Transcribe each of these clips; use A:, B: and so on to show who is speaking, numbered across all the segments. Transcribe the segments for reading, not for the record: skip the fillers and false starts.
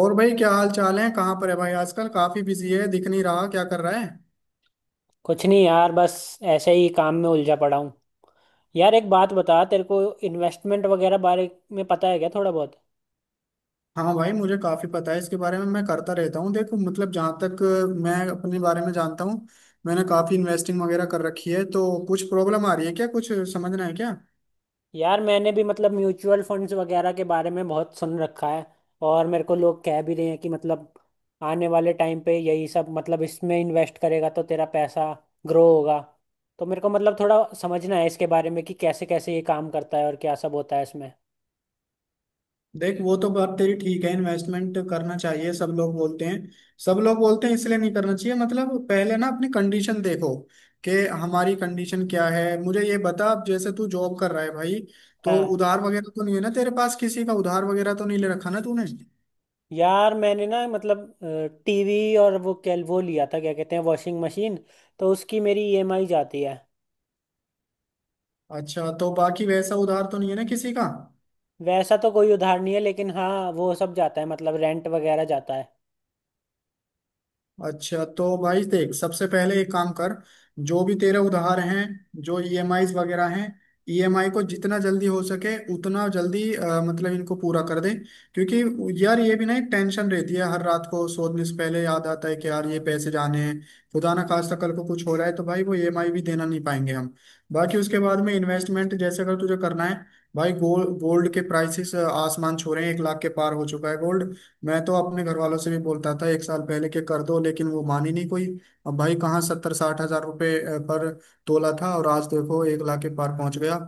A: और भाई, क्या हाल चाल है? कहाँ पर है भाई आजकल? काफी बिजी है, दिख नहीं रहा। क्या कर रहा है?
B: कुछ नहीं यार बस ऐसे ही काम में उलझा पड़ा हूँ। यार एक बात बता तेरे को, इन्वेस्टमेंट वगैरह बारे में पता है क्या थोड़ा बहुत?
A: हाँ भाई, मुझे काफी पता है इसके बारे में। मैं करता रहता हूँ। देखो, मतलब जहाँ तक मैं अपने बारे में जानता हूँ, मैंने काफी इन्वेस्टिंग वगैरह कर रखी है। तो कुछ प्रॉब्लम आ रही है क्या? कुछ समझना है क्या?
B: यार मैंने भी मतलब म्यूचुअल फंड्स वगैरह के बारे में बहुत सुन रखा है। और मेरे को लोग कह भी रहे हैं कि मतलब आने वाले टाइम पे यही सब मतलब इसमें इन्वेस्ट करेगा तो तेरा पैसा ग्रो होगा। तो मेरे को मतलब थोड़ा समझना है इसके बारे में कि कैसे कैसे ये काम करता है और क्या सब होता है इसमें।
A: देख, वो तो बात तेरी ठीक है, इन्वेस्टमेंट करना चाहिए, सब लोग बोलते हैं। सब लोग बोलते हैं इसलिए नहीं करना चाहिए। मतलब पहले ना अपनी कंडीशन देखो कि हमारी कंडीशन क्या है। मुझे ये बता, अब जैसे तू जॉब कर रहा है भाई, तो उधार वगैरह तो नहीं है ना तेरे पास? किसी का उधार वगैरह तो नहीं ले रखा ना तूने?
B: यार मैंने ना मतलब टीवी, और वो क्या, वो लिया था, क्या कहते हैं, वॉशिंग मशीन। तो उसकी मेरी ईएमआई जाती है।
A: अच्छा, तो बाकी वैसा उधार तो नहीं है ना किसी का?
B: वैसा तो कोई उधार नहीं है, लेकिन हाँ वो सब जाता है, मतलब रेंट वगैरह जाता है।
A: अच्छा, तो भाई देख, सबसे पहले एक काम कर। जो भी तेरे उधार हैं, जो ईएमआईज वगैरह हैं, ईएमआई को जितना जल्दी हो सके उतना जल्दी मतलब इनको पूरा कर दे। क्योंकि यार, ये भी ना एक टेंशन रहती है। हर रात को सोने से पहले याद आता है कि यार ये पैसे जाने हैं। खुदा ना खास्ता कल को कुछ हो रहा है, तो भाई वो ईएमआई भी देना नहीं पाएंगे हम। बाकी उसके बाद में इन्वेस्टमेंट जैसे अगर तुझे करना है, भाई गोल्ड, गोल्ड के प्राइसेस आसमान छू रहे हैं। 1 लाख के पार हो चुका है गोल्ड। मैं तो अपने घर वालों से भी बोलता था एक साल पहले के कर दो, लेकिन वो मानी नहीं कोई। अब भाई कहाँ 70 60 हजार रुपये पर तोला था, और आज देखो 1 लाख के पार पहुंच गया।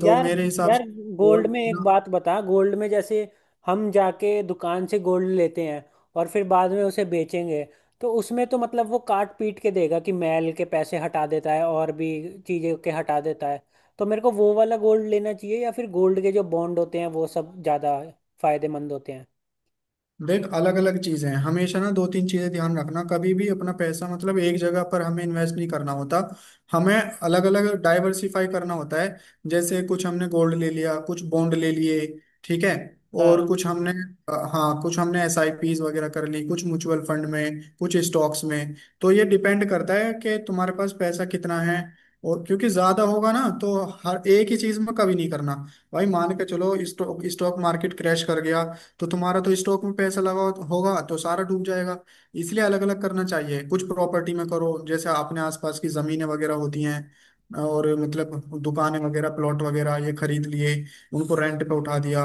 A: तो
B: यार,
A: मेरे हिसाब
B: यार,
A: से
B: गोल्ड
A: गोल्ड।
B: में एक बात बता। गोल्ड में जैसे हम जाके दुकान से गोल्ड लेते हैं और फिर बाद में उसे बेचेंगे, तो उसमें तो मतलब वो काट पीट के देगा कि मैल के पैसे हटा देता है और भी चीज़ें के हटा देता है। तो मेरे को वो वाला गोल्ड लेना चाहिए या फिर गोल्ड के जो बॉन्ड होते हैं वो सब ज़्यादा फायदेमंद होते हैं?
A: देख, अलग अलग चीजें हैं। हमेशा ना दो तीन चीजें ध्यान रखना, कभी भी अपना पैसा मतलब एक जगह पर हमें इन्वेस्ट नहीं करना होता। हमें अलग अलग डाइवर्सिफाई करना होता है। जैसे कुछ हमने गोल्ड ले लिया, कुछ बॉन्ड ले लिए। ठीक है,
B: हाँ।
A: और कुछ हमने हाँ, कुछ हमने एस आई पीज वगैरह कर ली, कुछ म्यूचुअल फंड में, कुछ स्टॉक्स में। तो ये डिपेंड करता है कि तुम्हारे पास पैसा कितना है, और क्योंकि ज्यादा होगा ना तो हर एक ही चीज में कभी नहीं करना। भाई मान के चलो स्टॉक स्टॉक मार्केट क्रैश कर गया, तो तुम्हारा तो स्टॉक में पैसा लगा होगा तो सारा डूब जाएगा। इसलिए अलग अलग करना चाहिए। कुछ प्रॉपर्टी में करो, जैसे अपने आसपास की जमीनें वगैरह होती हैं और मतलब दुकानें वगैरह, प्लॉट वगैरह ये खरीद लिए, उनको रेंट पे उठा दिया,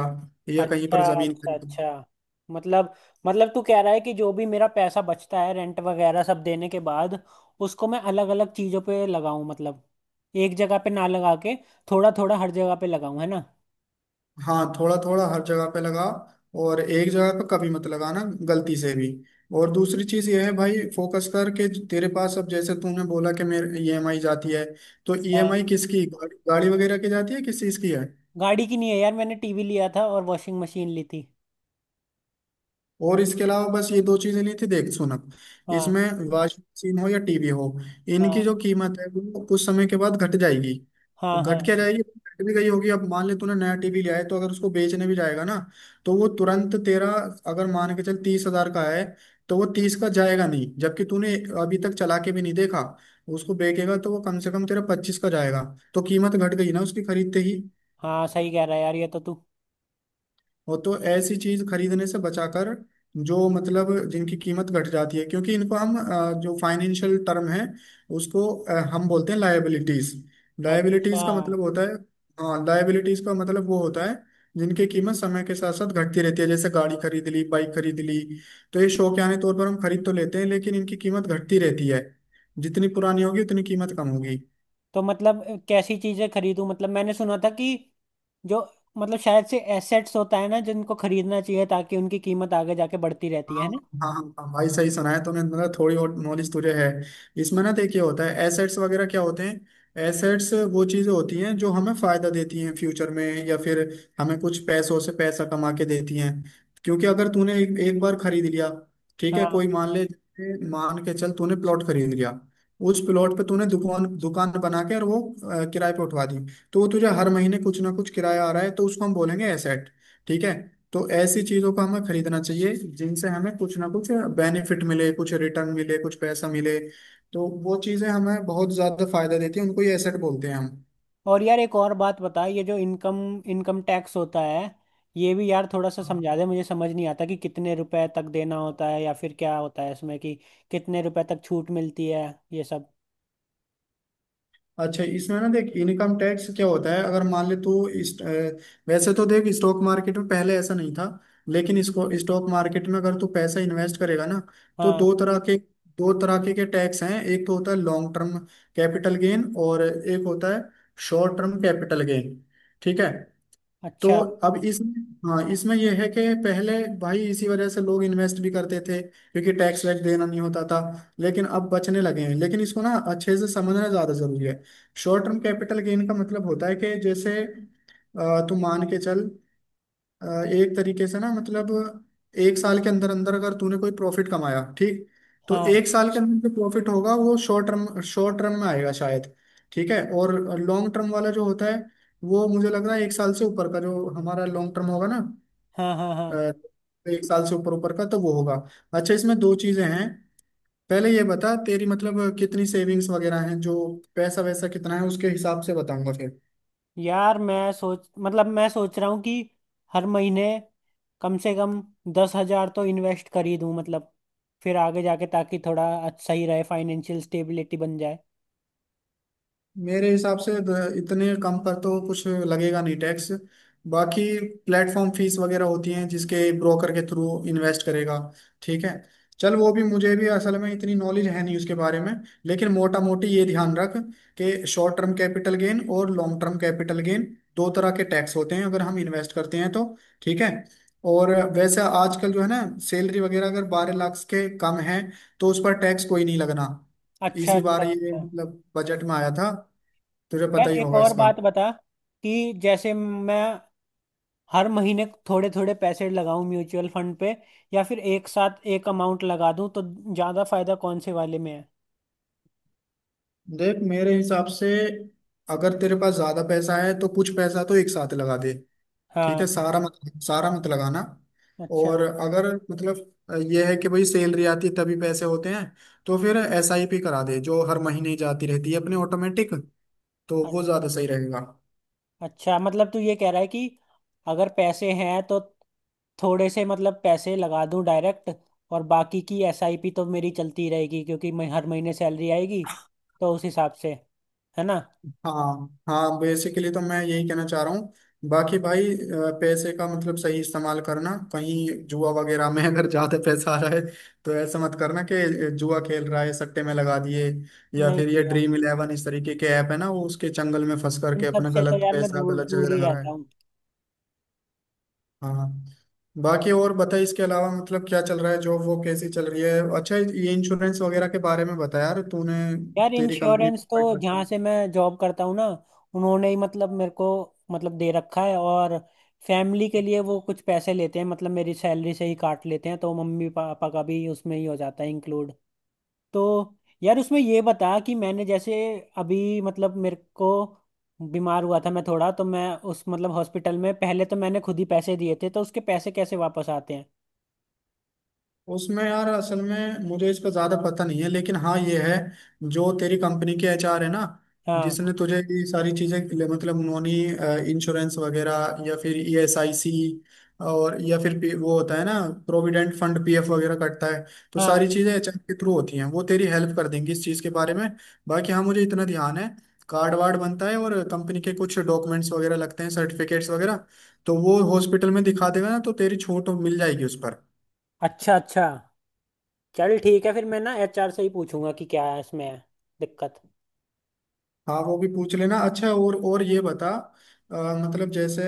A: या कहीं
B: अच्छा
A: पर जमीन
B: अच्छा
A: खरीद।
B: अच्छा। मतलब मतलब तू कह रहा है कि जो भी मेरा पैसा बचता है रेंट वगैरह सब देने के बाद, उसको मैं अलग अलग चीजों पे लगाऊं। मतलब एक जगह पे ना लगा के थोड़ा थोड़ा हर जगह पे लगाऊं, है ना?
A: हाँ, थोड़ा थोड़ा हर जगह पे लगा, और एक जगह पे कभी मत लगाना, गलती से भी। और दूसरी चीज ये है भाई, फोकस कर के, तेरे पास अब जैसे तूने बोला कि मेरे ईएमआई जाती है, तो
B: हाँ।
A: ईएमआई किसकी, गाड़ी गाड़ी वगैरह की जाती है? किस चीज की है?
B: गाड़ी की नहीं है यार, मैंने टीवी लिया था और वॉशिंग मशीन ली थी।
A: और इसके अलावा बस ये दो चीजें ली थी? देख सुनक इसमें,
B: हाँ।
A: वॉशिंग मशीन हो या टीवी हो, इनकी जो
B: हाँ
A: कीमत है वो कुछ समय के बाद घट जाएगी।
B: हाँ हाँ।
A: घट क्या
B: हाँ
A: जाएगी, घट भी गई होगी। अब मान ले तूने नया टीवी लिया है, तो अगर उसको बेचने भी जाएगा ना, तो वो तुरंत तेरा, अगर मान के चल 30,000 का है, तो वो 30 का जाएगा नहीं, जबकि तूने अभी तक चला के भी नहीं देखा। उसको बेचेगा तो वो कम से कम तेरा 25 का जाएगा। तो कीमत घट गई ना उसकी खरीदते ही।
B: हाँ सही कह रहा है यार, ये तो तू।
A: वो तो ऐसी चीज खरीदने से बचाकर, जो मतलब जिनकी कीमत घट जाती है, क्योंकि इनको हम जो फाइनेंशियल टर्म है, उसको हम बोलते हैं लायबिलिटीज।
B: अच्छा
A: लायबिलिटीज का मतलब होता है, हाँ लायबिलिटीज का मतलब वो होता है जिनकी कीमत समय के साथ साथ घटती रहती है। जैसे गाड़ी खरीद ली, बाइक खरीद ली, तो ये शौकियाने तौर पर हम खरीद तो लेते हैं, लेकिन इनकी कीमत घटती रहती है। जितनी पुरानी होगी उतनी कीमत कम होगी।
B: तो मतलब कैसी चीजें खरीदूं? मतलब मैंने सुना था कि जो, मतलब शायद से एसेट्स होता है ना, जिनको खरीदना चाहिए ताकि उनकी कीमत आगे जाके बढ़ती रहती है
A: हाँ
B: है ना?
A: हाँ हाँ हाँ, भाई सही सुना है तूने, मतलब थोड़ी और नॉलेज तुझे है इसमें। ना, देखिए होता है एसेट्स वगैरह क्या होते हैं। एसेट्स वो चीजें होती हैं जो हमें फायदा देती हैं फ्यूचर में, या फिर हमें कुछ पैसों से पैसा कमा के देती हैं। क्योंकि अगर तूने एक बार खरीद लिया, ठीक है, कोई
B: हाँ।
A: मान ले, मान के चल तूने प्लॉट खरीद लिया, उस प्लॉट पे तूने दुकान, दुकान बना के और वो किराए पे उठवा दी, तो वो तुझे हर महीने कुछ ना कुछ किराया आ रहा है, तो उसको हम बोलेंगे एसेट। ठीक है, तो ऐसी चीजों को हमें खरीदना चाहिए जिनसे हमें कुछ ना कुछ बेनिफिट मिले, कुछ रिटर्न मिले, कुछ पैसा मिले। तो वो चीजें हमें बहुत ज्यादा फायदा देती है, उनको ही एसेट बोलते हैं हम।
B: और यार एक और बात बता, ये जो इनकम इनकम टैक्स होता है, ये भी यार थोड़ा सा समझा दे, मुझे समझ नहीं आता कि कितने रुपए तक देना होता है या फिर क्या होता है इसमें, कि कितने रुपए तक छूट मिलती है, ये सब।
A: अच्छा, इसमें ना देख, इनकम टैक्स क्या होता है। अगर मान ले तू इस वैसे तो देख, स्टॉक मार्केट में पहले ऐसा नहीं था, लेकिन इसको स्टॉक मार्केट में अगर तू पैसा इन्वेस्ट करेगा ना, तो
B: हाँ।
A: दो तरह के, दो तरह के टैक्स हैं। एक तो होता है लॉन्ग टर्म कैपिटल गेन, और एक होता है शॉर्ट टर्म कैपिटल गेन। ठीक है, तो
B: अच्छा।
A: अब इसमें, हाँ इसमें यह है कि पहले भाई इसी वजह से लोग इन्वेस्ट भी करते थे क्योंकि टैक्स वैक्स देना नहीं होता था, लेकिन अब बचने लगे हैं। लेकिन इसको ना अच्छे से समझना ज्यादा जरूरी है। शॉर्ट टर्म कैपिटल गेन का मतलब होता है कि जैसे तू मान के चल, अ, एक तरीके से ना, मतलब एक साल के अंदर अंदर अगर तूने कोई प्रॉफिट कमाया, ठीक, तो एक
B: हाँ
A: साल के अंदर जो प्रॉफिट होगा वो शॉर्ट टर्म, शॉर्ट टर्म में आएगा शायद। ठीक है, और लॉन्ग टर्म वाला जो होता है, वो मुझे लग रहा है एक साल से ऊपर का, जो हमारा लॉन्ग टर्म होगा ना,
B: हाँ हाँ। हाँ।
A: अ, एक साल से ऊपर ऊपर का, तो वो होगा। अच्छा, इसमें दो चीजें हैं। पहले ये बता तेरी मतलब कितनी सेविंग्स वगैरह हैं, जो पैसा वैसा कितना है, उसके हिसाब से बताऊंगा।
B: यार मैं सोच रहा हूँ कि हर महीने कम से कम 10,000 तो इन्वेस्ट कर ही दूँ, मतलब फिर आगे जाके ताकि थोड़ा अच्छा ही रहे, फाइनेंशियल स्टेबिलिटी बन जाए।
A: मेरे हिसाब से इतने कम पर तो कुछ लगेगा नहीं टैक्स। बाकी प्लेटफॉर्म फीस वगैरह होती हैं, जिसके ब्रोकर के थ्रू इन्वेस्ट करेगा, ठीक है। चल वो भी मुझे भी असल में इतनी नॉलेज है नहीं उसके बारे में, लेकिन मोटा मोटी ये ध्यान रख कि शॉर्ट टर्म कैपिटल गेन और लॉन्ग टर्म कैपिटल गेन दो तरह के टैक्स होते हैं अगर हम इन्वेस्ट करते हैं तो। ठीक है, और वैसे आजकल जो है ना, सैलरी वगैरह अगर 12 लाख के कम है, तो उस पर टैक्स कोई नहीं लगना।
B: अच्छा
A: इसी
B: अच्छा
A: बार ये
B: अच्छा।
A: मतलब बजट में आया था, तुझे पता
B: यार
A: ही
B: एक
A: होगा
B: और
A: इसका।
B: बात बता, कि जैसे मैं हर महीने थोड़े थोड़े पैसे लगाऊं म्यूचुअल फंड पे, या फिर एक साथ एक अमाउंट लगा दूं, तो ज़्यादा फायदा कौन से वाले में है?
A: देख मेरे हिसाब से, अगर तेरे पास ज्यादा पैसा है तो कुछ पैसा तो एक साथ लगा दे। ठीक है,
B: हाँ।
A: सारा मत, सारा मत लगाना।
B: अच्छा
A: और अगर मतलब यह है कि भाई सैलरी आती है तभी पैसे होते हैं, तो फिर एसआईपी करा दे जो हर महीने जाती रहती है अपने ऑटोमेटिक, तो वो ज्यादा सही रहेगा।
B: अच्छा। मतलब तू ये कह रहा है कि अगर पैसे हैं तो थोड़े से मतलब पैसे लगा दूं डायरेक्ट, और बाकी की एसआईपी तो मेरी चलती रहेगी क्योंकि मैं हर महीने सैलरी आएगी, तो उस हिसाब से, है ना?
A: हाँ हाँ, बेसिकली तो मैं यही कहना चाह रहा हूँ। बाकी भाई पैसे का मतलब सही इस्तेमाल करना, कहीं जुआ वगैरह में अगर ज्यादा पैसा आ रहा है, तो ऐसा मत करना कि जुआ खेल रहा है, सट्टे में लगा दिए, या
B: नहीं
A: फिर
B: नहीं
A: ये
B: यार,
A: Dream11 इस तरीके के ऐप है ना, वो उसके चंगल में फंस
B: इन
A: करके
B: सब
A: अपना
B: से तो
A: गलत
B: यार मैं
A: पैसा
B: दूर
A: गलत
B: दूर
A: जगह
B: ही
A: लगा रहा
B: रहता हूँ।
A: है। हाँ, बाकी और बताइए इसके अलावा मतलब क्या चल रहा है? जॉब वो कैसी चल रही है? अच्छा, ये इंश्योरेंस वगैरह के बारे में बता यार तूने।
B: यार
A: तेरी कंपनी
B: इंश्योरेंस तो
A: प्रोवाइड करती
B: जहाँ
A: है।
B: से मैं जॉब करता हूँ ना, उन्होंने ही मतलब मेरे को मतलब दे रखा है। और फैमिली के लिए वो कुछ पैसे लेते हैं, मतलब मेरी सैलरी से ही काट लेते हैं, तो मम्मी पापा का भी उसमें ही हो जाता है इंक्लूड। तो यार उसमें ये बता कि मैंने जैसे अभी मतलब मेरे को बीमार हुआ था मैं थोड़ा, तो मैं उस मतलब हॉस्पिटल में पहले तो मैंने खुद ही पैसे दिए थे, तो उसके पैसे कैसे वापस आते हैं?
A: उसमें यार असल में मुझे इसका ज्यादा पता नहीं है, लेकिन हाँ ये है, जो तेरी कंपनी के एचआर है ना,
B: हाँ।
A: जिसने तुझे ये सारी मतलब उन्होंने इंश्योरेंस वगैरह या फिर ईएसआईसी, और या फिर वो होता है ना, प्रोविडेंट फंड, पीएफ वगैरह कटता है। तो
B: हाँ।
A: सारी चीजें एचआर के थ्रू होती हैं, वो तेरी हेल्प कर देंगी इस चीज के बारे में। बाकी हाँ, मुझे इतना ध्यान है, कार्ड वार्ड बनता है और कंपनी के कुछ डॉक्यूमेंट्स वगैरह लगते हैं, सर्टिफिकेट्स वगैरह, तो वो हॉस्पिटल में दिखा देगा ना, तो तेरी छूट मिल जाएगी उस पर।
B: अच्छा अच्छा। चल ठीक है, फिर मैं ना एचआर से ही पूछूंगा कि क्या है इसमें, है दिक्कत।
A: हाँ वो भी पूछ लेना अच्छा। और ये बता, अ, मतलब जैसे,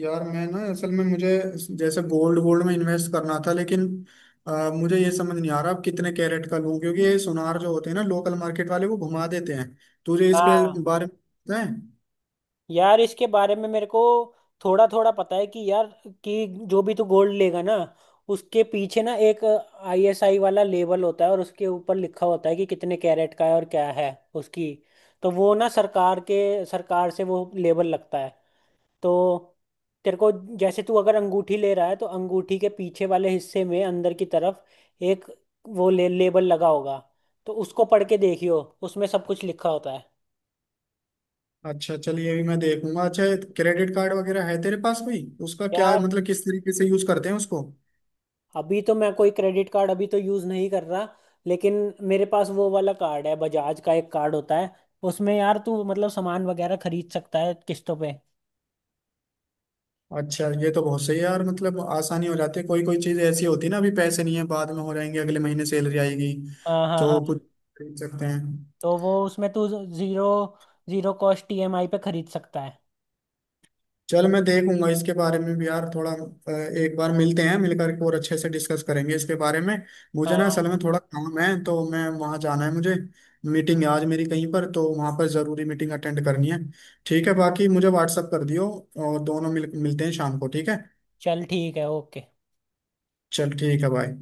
A: यार मैं ना असल में मुझे, जैसे गोल्ड, गोल्ड में इन्वेस्ट करना था, लेकिन मुझे ये समझ नहीं आ रहा अब कितने कैरेट का लूं, क्योंकि ये सुनार जो होते हैं ना लोकल मार्केट वाले, वो घुमा देते हैं। तुझे इसके
B: हाँ
A: बारे में पता है?
B: यार इसके बारे में मेरे को थोड़ा थोड़ा पता है, कि यार, कि जो भी तू गोल्ड लेगा ना, उसके पीछे ना एक आईएसआई वाला लेबल होता है और उसके ऊपर लिखा होता है कि कितने कैरेट का है और क्या है उसकी। तो वो ना सरकार से वो लेबल लगता है। तो तेरे को जैसे तू अगर अंगूठी ले रहा है, तो अंगूठी के पीछे वाले हिस्से में अंदर की तरफ एक वो लेबल लगा होगा। तो उसको पढ़ के देखियो, उसमें सब कुछ लिखा होता है।
A: अच्छा, चल ये भी मैं देखूंगा। अच्छा, क्रेडिट कार्ड वगैरह है तेरे पास कोई? उसका क्या है
B: यार
A: मतलब, किस तरीके से यूज करते हैं उसको?
B: अभी तो मैं कोई क्रेडिट कार्ड अभी तो यूज़ नहीं कर रहा, लेकिन मेरे पास वो वाला कार्ड है, बजाज का एक कार्ड होता है, उसमें यार तू मतलब सामान वगैरह खरीद सकता है किस्तों पे।
A: अच्छा, ये तो बहुत सही है यार, मतलब आसानी हो जाती है। कोई कोई चीज ऐसी होती है ना, अभी पैसे नहीं है, बाद में हो जाएंगे, अगले महीने सैलरी आएगी
B: हाँ हाँ हाँ।
A: तो कुछ खरीद सकते हैं।
B: तो वो उसमें तू जीरो जीरो कॉस्ट ईएमआई पे खरीद सकता है।
A: चल मैं देखूंगा इसके बारे में भी यार थोड़ा। एक बार मिलते हैं, मिलकर और अच्छे से डिस्कस करेंगे इसके बारे में।
B: हाँ
A: मुझे ना
B: हाँ
A: असल
B: हाँ।
A: में थोड़ा काम है, तो मैं वहाँ जाना है मुझे। मीटिंग है आज मेरी कहीं पर, तो वहाँ पर जरूरी मीटिंग अटेंड करनी है। ठीक है, बाकी मुझे व्हाट्सअप कर दियो, और दोनों मिलते हैं शाम को, ठीक है?
B: चल ठीक है, ओके।
A: चल ठीक है, बाय।